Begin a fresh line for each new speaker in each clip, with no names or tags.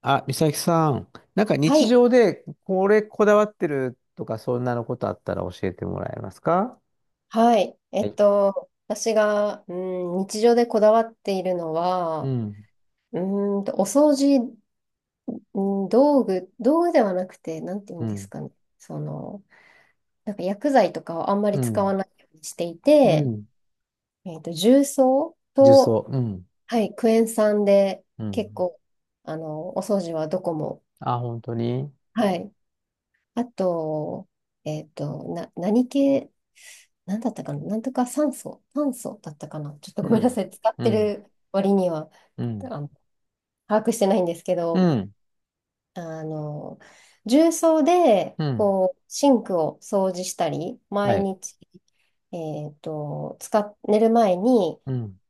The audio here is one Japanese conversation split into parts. あ、美咲さん、なんか
は
日
い。
常でこれこだわってるとか、そんなのことあったら教えてもらえますか？
はい。
はい。
私が、日常でこだわっているの
う
は、
ん、
うお掃除、う道具ではなくて、なんて言
う
うんです
ん、
かね。その、なんか薬剤とかをあんま
う
り使わ
ん、
ないようにしてい
う
て、
ん、
重曹
重曹、
と、
うん。
はい、クエン酸で
う
結
ん。
構、お掃除はどこも。
あ、本当に？
はい。あと、何系、なんだったかな、なんとか酸素、炭素だったかな、ちょっとご
う
めんなさ
ん、
い、使っ
う
て
ん、
る割には
うん、
あの把握してないんですけ
う
ど、
ん、
あの重曹で
うん、
こうシンクを掃除したり、
は
毎
い、
日、寝る前に
うん、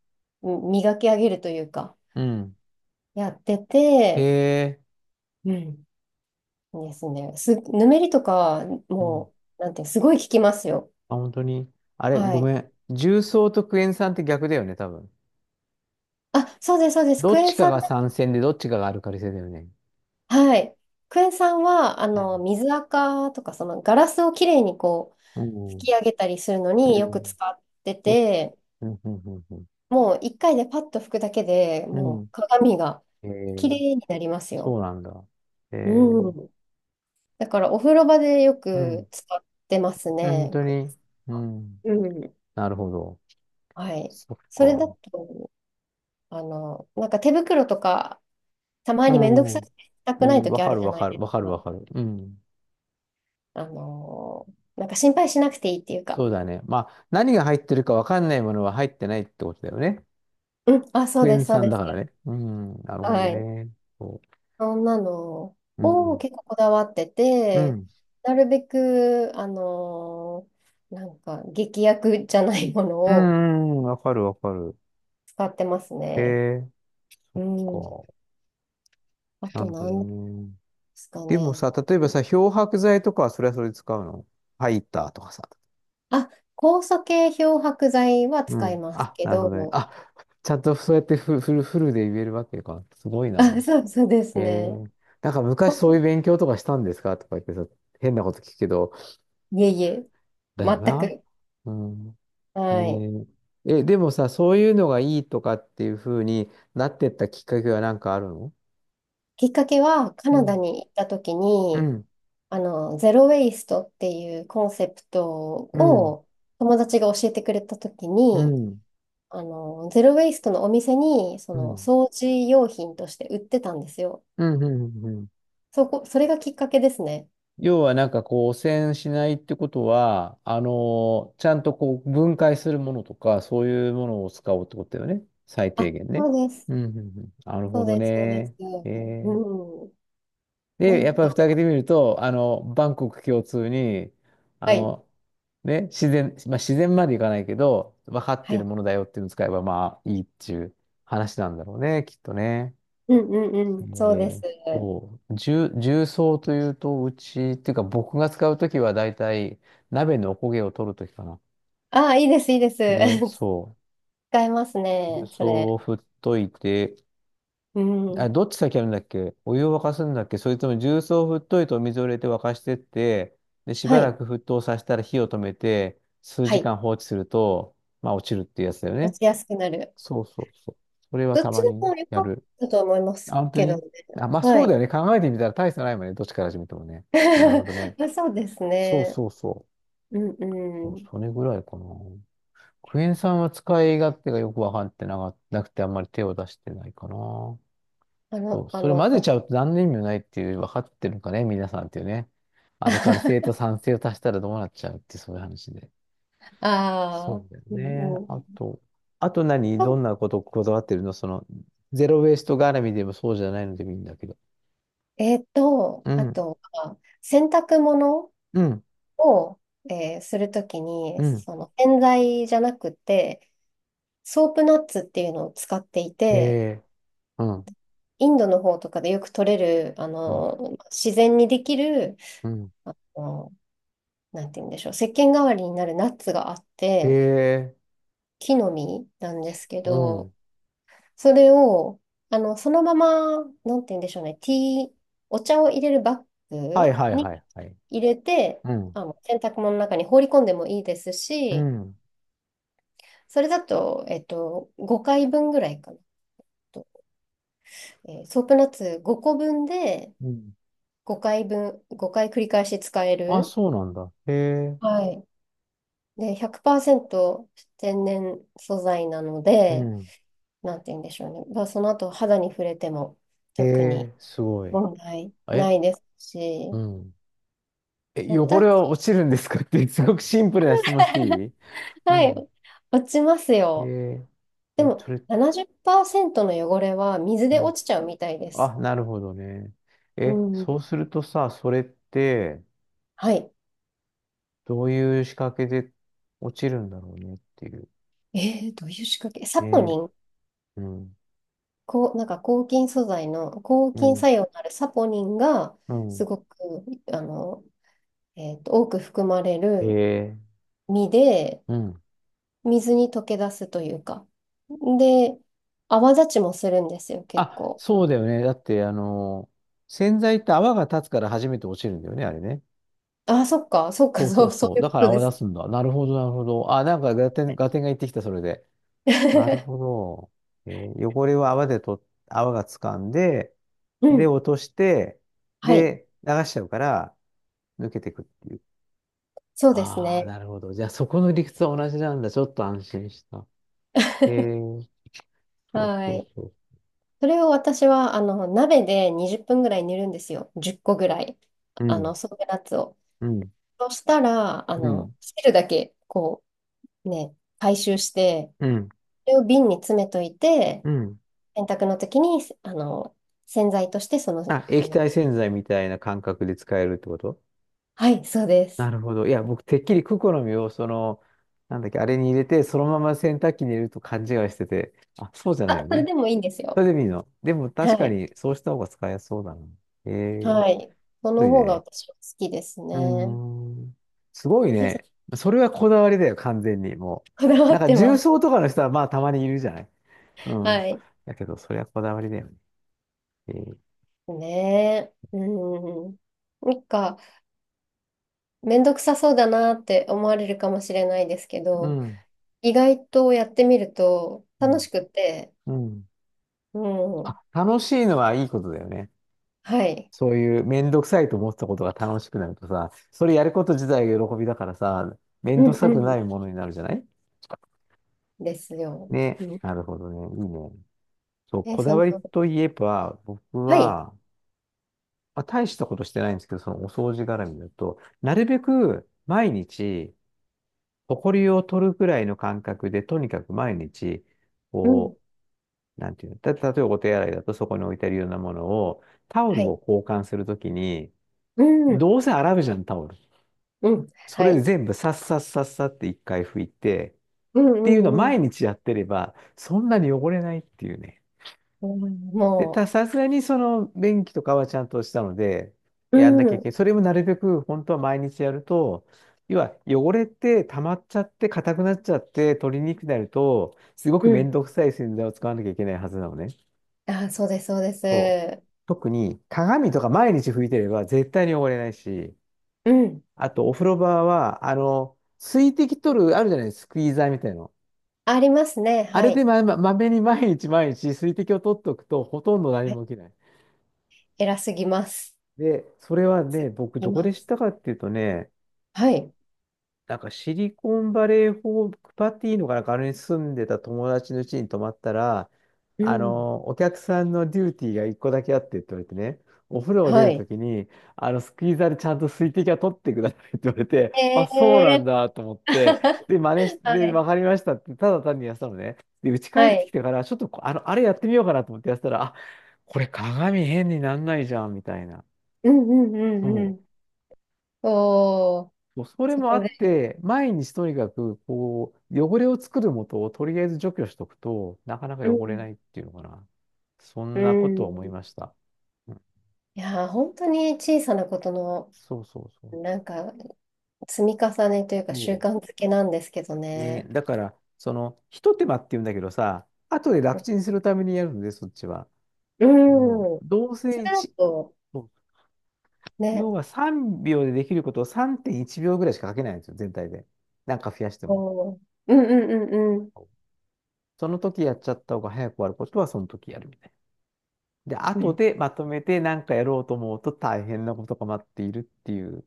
うん磨き上げるというか、
うん。
やって
へ
て、
え、
うんですね、ぬめりとか、
うん。
もう、なんていう、すごい効きますよ。
あ、本当に？あれ、
は
ご
い。
めん。重曹とクエン酸って逆だよね、多分。
あ、そうです、そうです。
ど
ク
っ
エ
ち
ン
か
酸
が
で。
酸性で、どっちかがアルカリ性だよね。
はい。クエン酸は、
うん、
水垢とか、そのガラスをきれいにこ
う
う、拭
ん、う
き上げたりするのによく
ん。
使って
お
て、
うんうんうんうん
もう一回でパッと拭くだけで
う
もう
ん。
鏡が
え
き
ー、
れいになります
そ
よ。
うなんだ。え
う
ー、
ん。だからお風呂場でよ
う
く
ん。
使ってます
本
ね、
当
クエン
に。
酸
う
は。
ん。
うん。
なるほど。
はい。
そっ
それだ
か。
と、なんか手袋とか、たま
う
にめんどく
ん、う
さ
ん。
くてした
う
くない
ん、わ
時あ
か
る
る
じゃ
わ
ない
かる。
です
わかる
か。
わかる。うん。
あの、なんか心配しなくていいっていう
そ
か。
うだね。まあ、何が入ってるかわかんないものは入ってないってことだよね。
うん、あ、そう
クエ
で
ン
す、そう
酸
で
だ
す。
からね。うん。なるほど
はい。
ね。そ
そんなの
う。う
を
ん。
結構こだわって
う
て、
ん。
なるべく、なんか、劇薬じゃないもの
う
を
ん、うんわかるわかる。
使ってます
え
ね。
ー、
うん。
そっ
あ
か。な
と
るほど
何で
ね。
すか
でも
ね。
さ、例えばさ、漂白剤とかはそれはそれで使うの？ハイターとかさ。
あ、酵素系漂白剤は
う
使い
ん。
ます
あ、
け
なるほどね。
ど、
あ、ちゃんとそうやってフルで言えるわけか。すごい な。
あ、そうです
え
ね。
ー、なんか
酵
昔そういう
素
勉強とかしたんですかとか言ってさ、変なこと聞くけど、
いえいえ、
だよ
全
な。
く。
うん。
はい。
ねえ。え、でもさ、そういうのがいいとかっていうふうになってったきっかけはなんかあるの？
きっかけは、カ
う
ナダ
ん。
に行った時
う
に、
ん。
ゼロ・ウェイストっていうコンセプト
うん。
を友達が教えてくれたとき
う
に、
ん。
ゼロ・ウェイストのお店に、
うん。
掃除用品として売ってたんですよ。
うん。うん。うん。
それがきっかけですね。
要はなんかこう汚染しないってことは、あのちゃんとこう分解するものとか、そういうものを使おうってことだよね。最低
あ、
限ね。
そうです。
うんうんうん。なる
そ
ほ
う
ど
です、そうです。
ね。えー、
うん。な
で、やっ
ん
ぱり蓋
か、
開けてみると、あの、万国共通に、あ
はい、
の、ね、自然、まあ、自然までいかないけど、分かって
は
いる
い。
ものだよっていうのを使えば、まあいいっていう話なんだろうね、きっとね。
うんうんうん、そう
ね
です。
え、そう、重曹というと、うち、っていうか僕が使うときはだいたい鍋のおこげを取るときかな。
ああ、いいです、いいです。
ね、そ
使えます
う。重
ね、そ
曹
れ。
を振っといて、
う
あ、
ん。
どっち先やるんだっけ？お湯を沸かすんだっけ、それとも重曹を振っといてお水を入れて沸かしてって、で、し
は
ばら
い、
く沸騰させたら火を止めて、数
は
時
い。
間放置すると、まあ落ちるっていうやつだよ
落
ね。
ちやすくなる。
そうそうそう。それは
どっ
た
ち
ま
で
に
も良
や
かっ
る。
たと思いま
あ、
す
本当
けどね。
に？あ、まあ
は
そうだ
い。
よね。考えてみたら大差ないもんね。どっちから始めてもね。なるほどね。
あ、そうです
そう
ね。
そうそう。
うん
そう、
うん。
それぐらいかな。クエン酸は使い勝手がよくわかってなかなくてあんまり手を出してないかな。
あ
そ
の、
う、
あ
それ
の、
混ぜ
あ
ちゃうと何の意味もないっていう、分かってるのかね、皆さんっていうね。アルカリ性と 酸性を足したらどうなっちゃうってそういう話で。そ
あ
うだよ
う
ね。
んう
あ
ん。
と、あと何ど
と
んなことこだわってるの、その、ゼロウェイスト絡みでもそうじゃないのでもいいんだけど。う
あ
ん、
とは、洗濯物
うん、
を、するとき
う
に、
ん。
その洗剤じゃなくて、ソープナッツっていうのを使ってい
え
て、
えうん、
インドの方とかでよく取れる、
うん、
自然にできる、
うん。
あのなんて言うんでしょう、石鹸代わりになるナッツがあって、
ええ
木の実なんですけ
う
ど、
ん。
それを、そのまま、なんて言うんでしょうね、ティー、お茶を入れるバッ
はい
グ
はい
に
はいはい。
入れて、
うん。
洗濯物の中に放り込んでもいいです
う
し、
ん。
それだと、5回分ぐらいかなと。ソープナッツ5個分で
うん。
5回分、5回繰り返し使え
あ、
る。
そうなんだ。へえ。
はい。で、100%天然素材なの
う
で、
ん。
なんて言うんでしょうね。まあ、その後肌に触れても
へ
特に
え、すごい。
問題な
え、
いです
う
し、
ん。え、汚れ
私、
は落ちるんですかって、すごくシンプルな質問してい い？う
はい、
ん。
落ちます
へ
よ。
え。
で
え、
も
それ、
70%の汚れは水
う
で
ん。
落ちちゃうみたいです。
あ、なるほどね。
う
え、
ん。
そうするとさ、それって、
はい。
どういう仕掛けで落ちるんだろうねっていう。
えどういう仕掛け、サポニ
ね。
ン、
うん。
こう、なんか抗菌素材の抗
う
菌
ん。
作用のあるサポニンが
う
す
ん。
ごく、あの、多く含まれ
へ
る
え。
実で、
うん。
水に溶け出すというか。で、泡立ちもするんですよ、結
あ、
構。
そうだよね。だって、あの、洗剤って泡が立つから初めて落ちるんだよね、あれね。
あ、そっか、そっか、
そうそ
そ
う
う、そ
そ
う
う。
いう
だ
こ
から
とで
泡
す。
出すんだ。なるほど、なるほど。あ、なんかガテン、ガテンが言ってきた、それで。なるほ ど。えー、汚れを泡でと、泡が掴んで、
う
で、
ん。
落として、
はい、
で、流しちゃうから、抜けてくっていう。
そうです
ああ、
ね。
なるほど。じゃあ、そこの理屈は同じなんだ。ちょっと安心した。え ー、そう
は
そう
い。
そう。
それを私は、鍋で20分ぐらい煮るんですよ。10個ぐらい。
うん、
ソテナッツを。
うん、
そしたら、
うん、
汁だけ、こう、ね、回収して、
うん、
それを瓶に詰めといて、
うん。
洗濯の時に、洗剤として、
あ、液体洗剤みたいな感覚で使えるってこと？
はい、そうで
な
す。
るほど。いや、僕、てっきりクコの実を、その、なんだっけ、あれに入れて、そのまま洗濯機に入れると勘違いしてて、あ、そうじゃないよ
あ、それ
ね。
でもいいんです
そ
よ。
れでいいの？でも、
は
確か
い。
に、そうした方が使いやすそうだな。ええ面
はい。そ
白
の
い
方が
ね。
私は好きです
うー
ね。
ん。すごい
で、
ね。それはこだわりだよ、完全に。もう。
こだわ
なん
っ
か、
て
重
ます。
曹とかの人は、まあ、たまにいるじゃない。うん。
はい。
だけど、それはこだわりだよね。えー
ねえ。うん。なんか、めんどくさそうだなって思われるかもしれないですけ
う
ど、
ん。
意外とやってみると
う
楽し
ん。
くて、
うん。
うん。
あ、楽しいのはいいことだよね。
はい。
そういうめんどくさいと思ってたことが楽しくなるとさ、それやること自体が喜びだからさ、め
う
んどく
ん
さ
う
くな
ん。
いものになるじゃない。
ですよ。
ね、
うん。
なるほどね。いいね。そう、
え、
こ
そ
だ
の、
わりといえば、僕
はい。
は、まあ、大したことしてないんですけど、そのお掃除絡みだと、なるべく毎日、埃を取るくらいの感覚で、とにかく毎日、
うん。
こう、なんていうの、例えばお手洗いだとそこに置いてあるようなものを、タオ
は
ル
い。
を交換するときに、
うん。
どうせ洗うじゃん、タオル。
うん。
そ
は
れで
い。
全部さっさっさっさって一回拭いて、
うん
っ
う
ていうのを
んうん。
毎日やってれば、そんなに汚れないっていうね。
うん
で、
も
さすがにその便器とかはちゃんとしたので、
う、う
やんなきゃい
ん。
けない。それもなるべく本当は毎日やると、要は汚れって溜まっちゃって硬くなっちゃって取りにくくなると、すご
う
くめ
ん
んどくさい洗剤を使わなきゃいけないはずなのね。
あ、そうです、そうです。
特に鏡とか毎日拭いてれば絶対に汚れないし、
うん。
あとお風呂場は、あの、水滴取る、あるじゃない、スクイーザーみたいなの。
ありますね。
あ
は
れで
い。
まめに毎日毎日水滴を取っておくとほとんど何
はい、
も起きない。
偉すぎます。
で、それは
す
ね、僕
ぎ
どこ
ま
で知っ
す。
たかっていうとね、
はい。
なんかシリコンバレーホークパティーかなんかあれに住んでた友達の家に泊まったら、
う
あ
ん。
の、お客さんのデューティーが一個だけあってって言われてね、お風呂を出
は
ると
い。
きに、あの、スクイーザーでちゃんと水滴は取ってくださいって言われて、あ、そうな
え
ん
ー。
だと思って、で、真似して、
は
で
い。
わかりましたって、ただ単にやってたのね。で、家帰
は
ってき
い。
てから、ちょっとこあの、あれやってみようかなと思ってやってたら、あ、これ鏡変になんないじゃん、みたいな。
うんうん
そ
うんう
う、
ん。おー、
そうそれ
そ
もあ
こで。
って、毎日とにかく、こう、汚れを作るもとをとりあえず除去しとくと、なかな
う
か汚れ
ん。
ないっていうのかな。そん
う
なことを思いま
ん
した。うん
いやー、本当に小さなことの、
そうそうそう。
なんか、積み重ねというか、習
そ
慣づけなんですけど
うね、
ね。
だから、その、ひと手間って言うんだけどさ、後で楽ちんするためにやるので、そっちは。
う
うん。
ん
どう
そ
せい
れだ
ち
と、
そう要
ね、
は3秒でできることを3.1秒ぐらいしかかけないんですよ、全体で。なんか増やしても。
おー、うんうんうんうん。
その時やっちゃった方が早く終わることは、その時やるみたいな。で、
う
後
ん
でまとめて何かやろうと思うと大変なことが待っているっていう、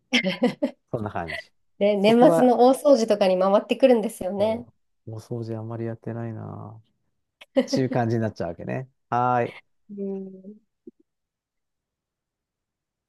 そんな感じ。
で、
そ
年
こ
末
は、
の大掃除とかに回ってくるんですよね。
そう、お掃除あんまりやってないなっていう感じになっちゃうわけね。はーい。
うん、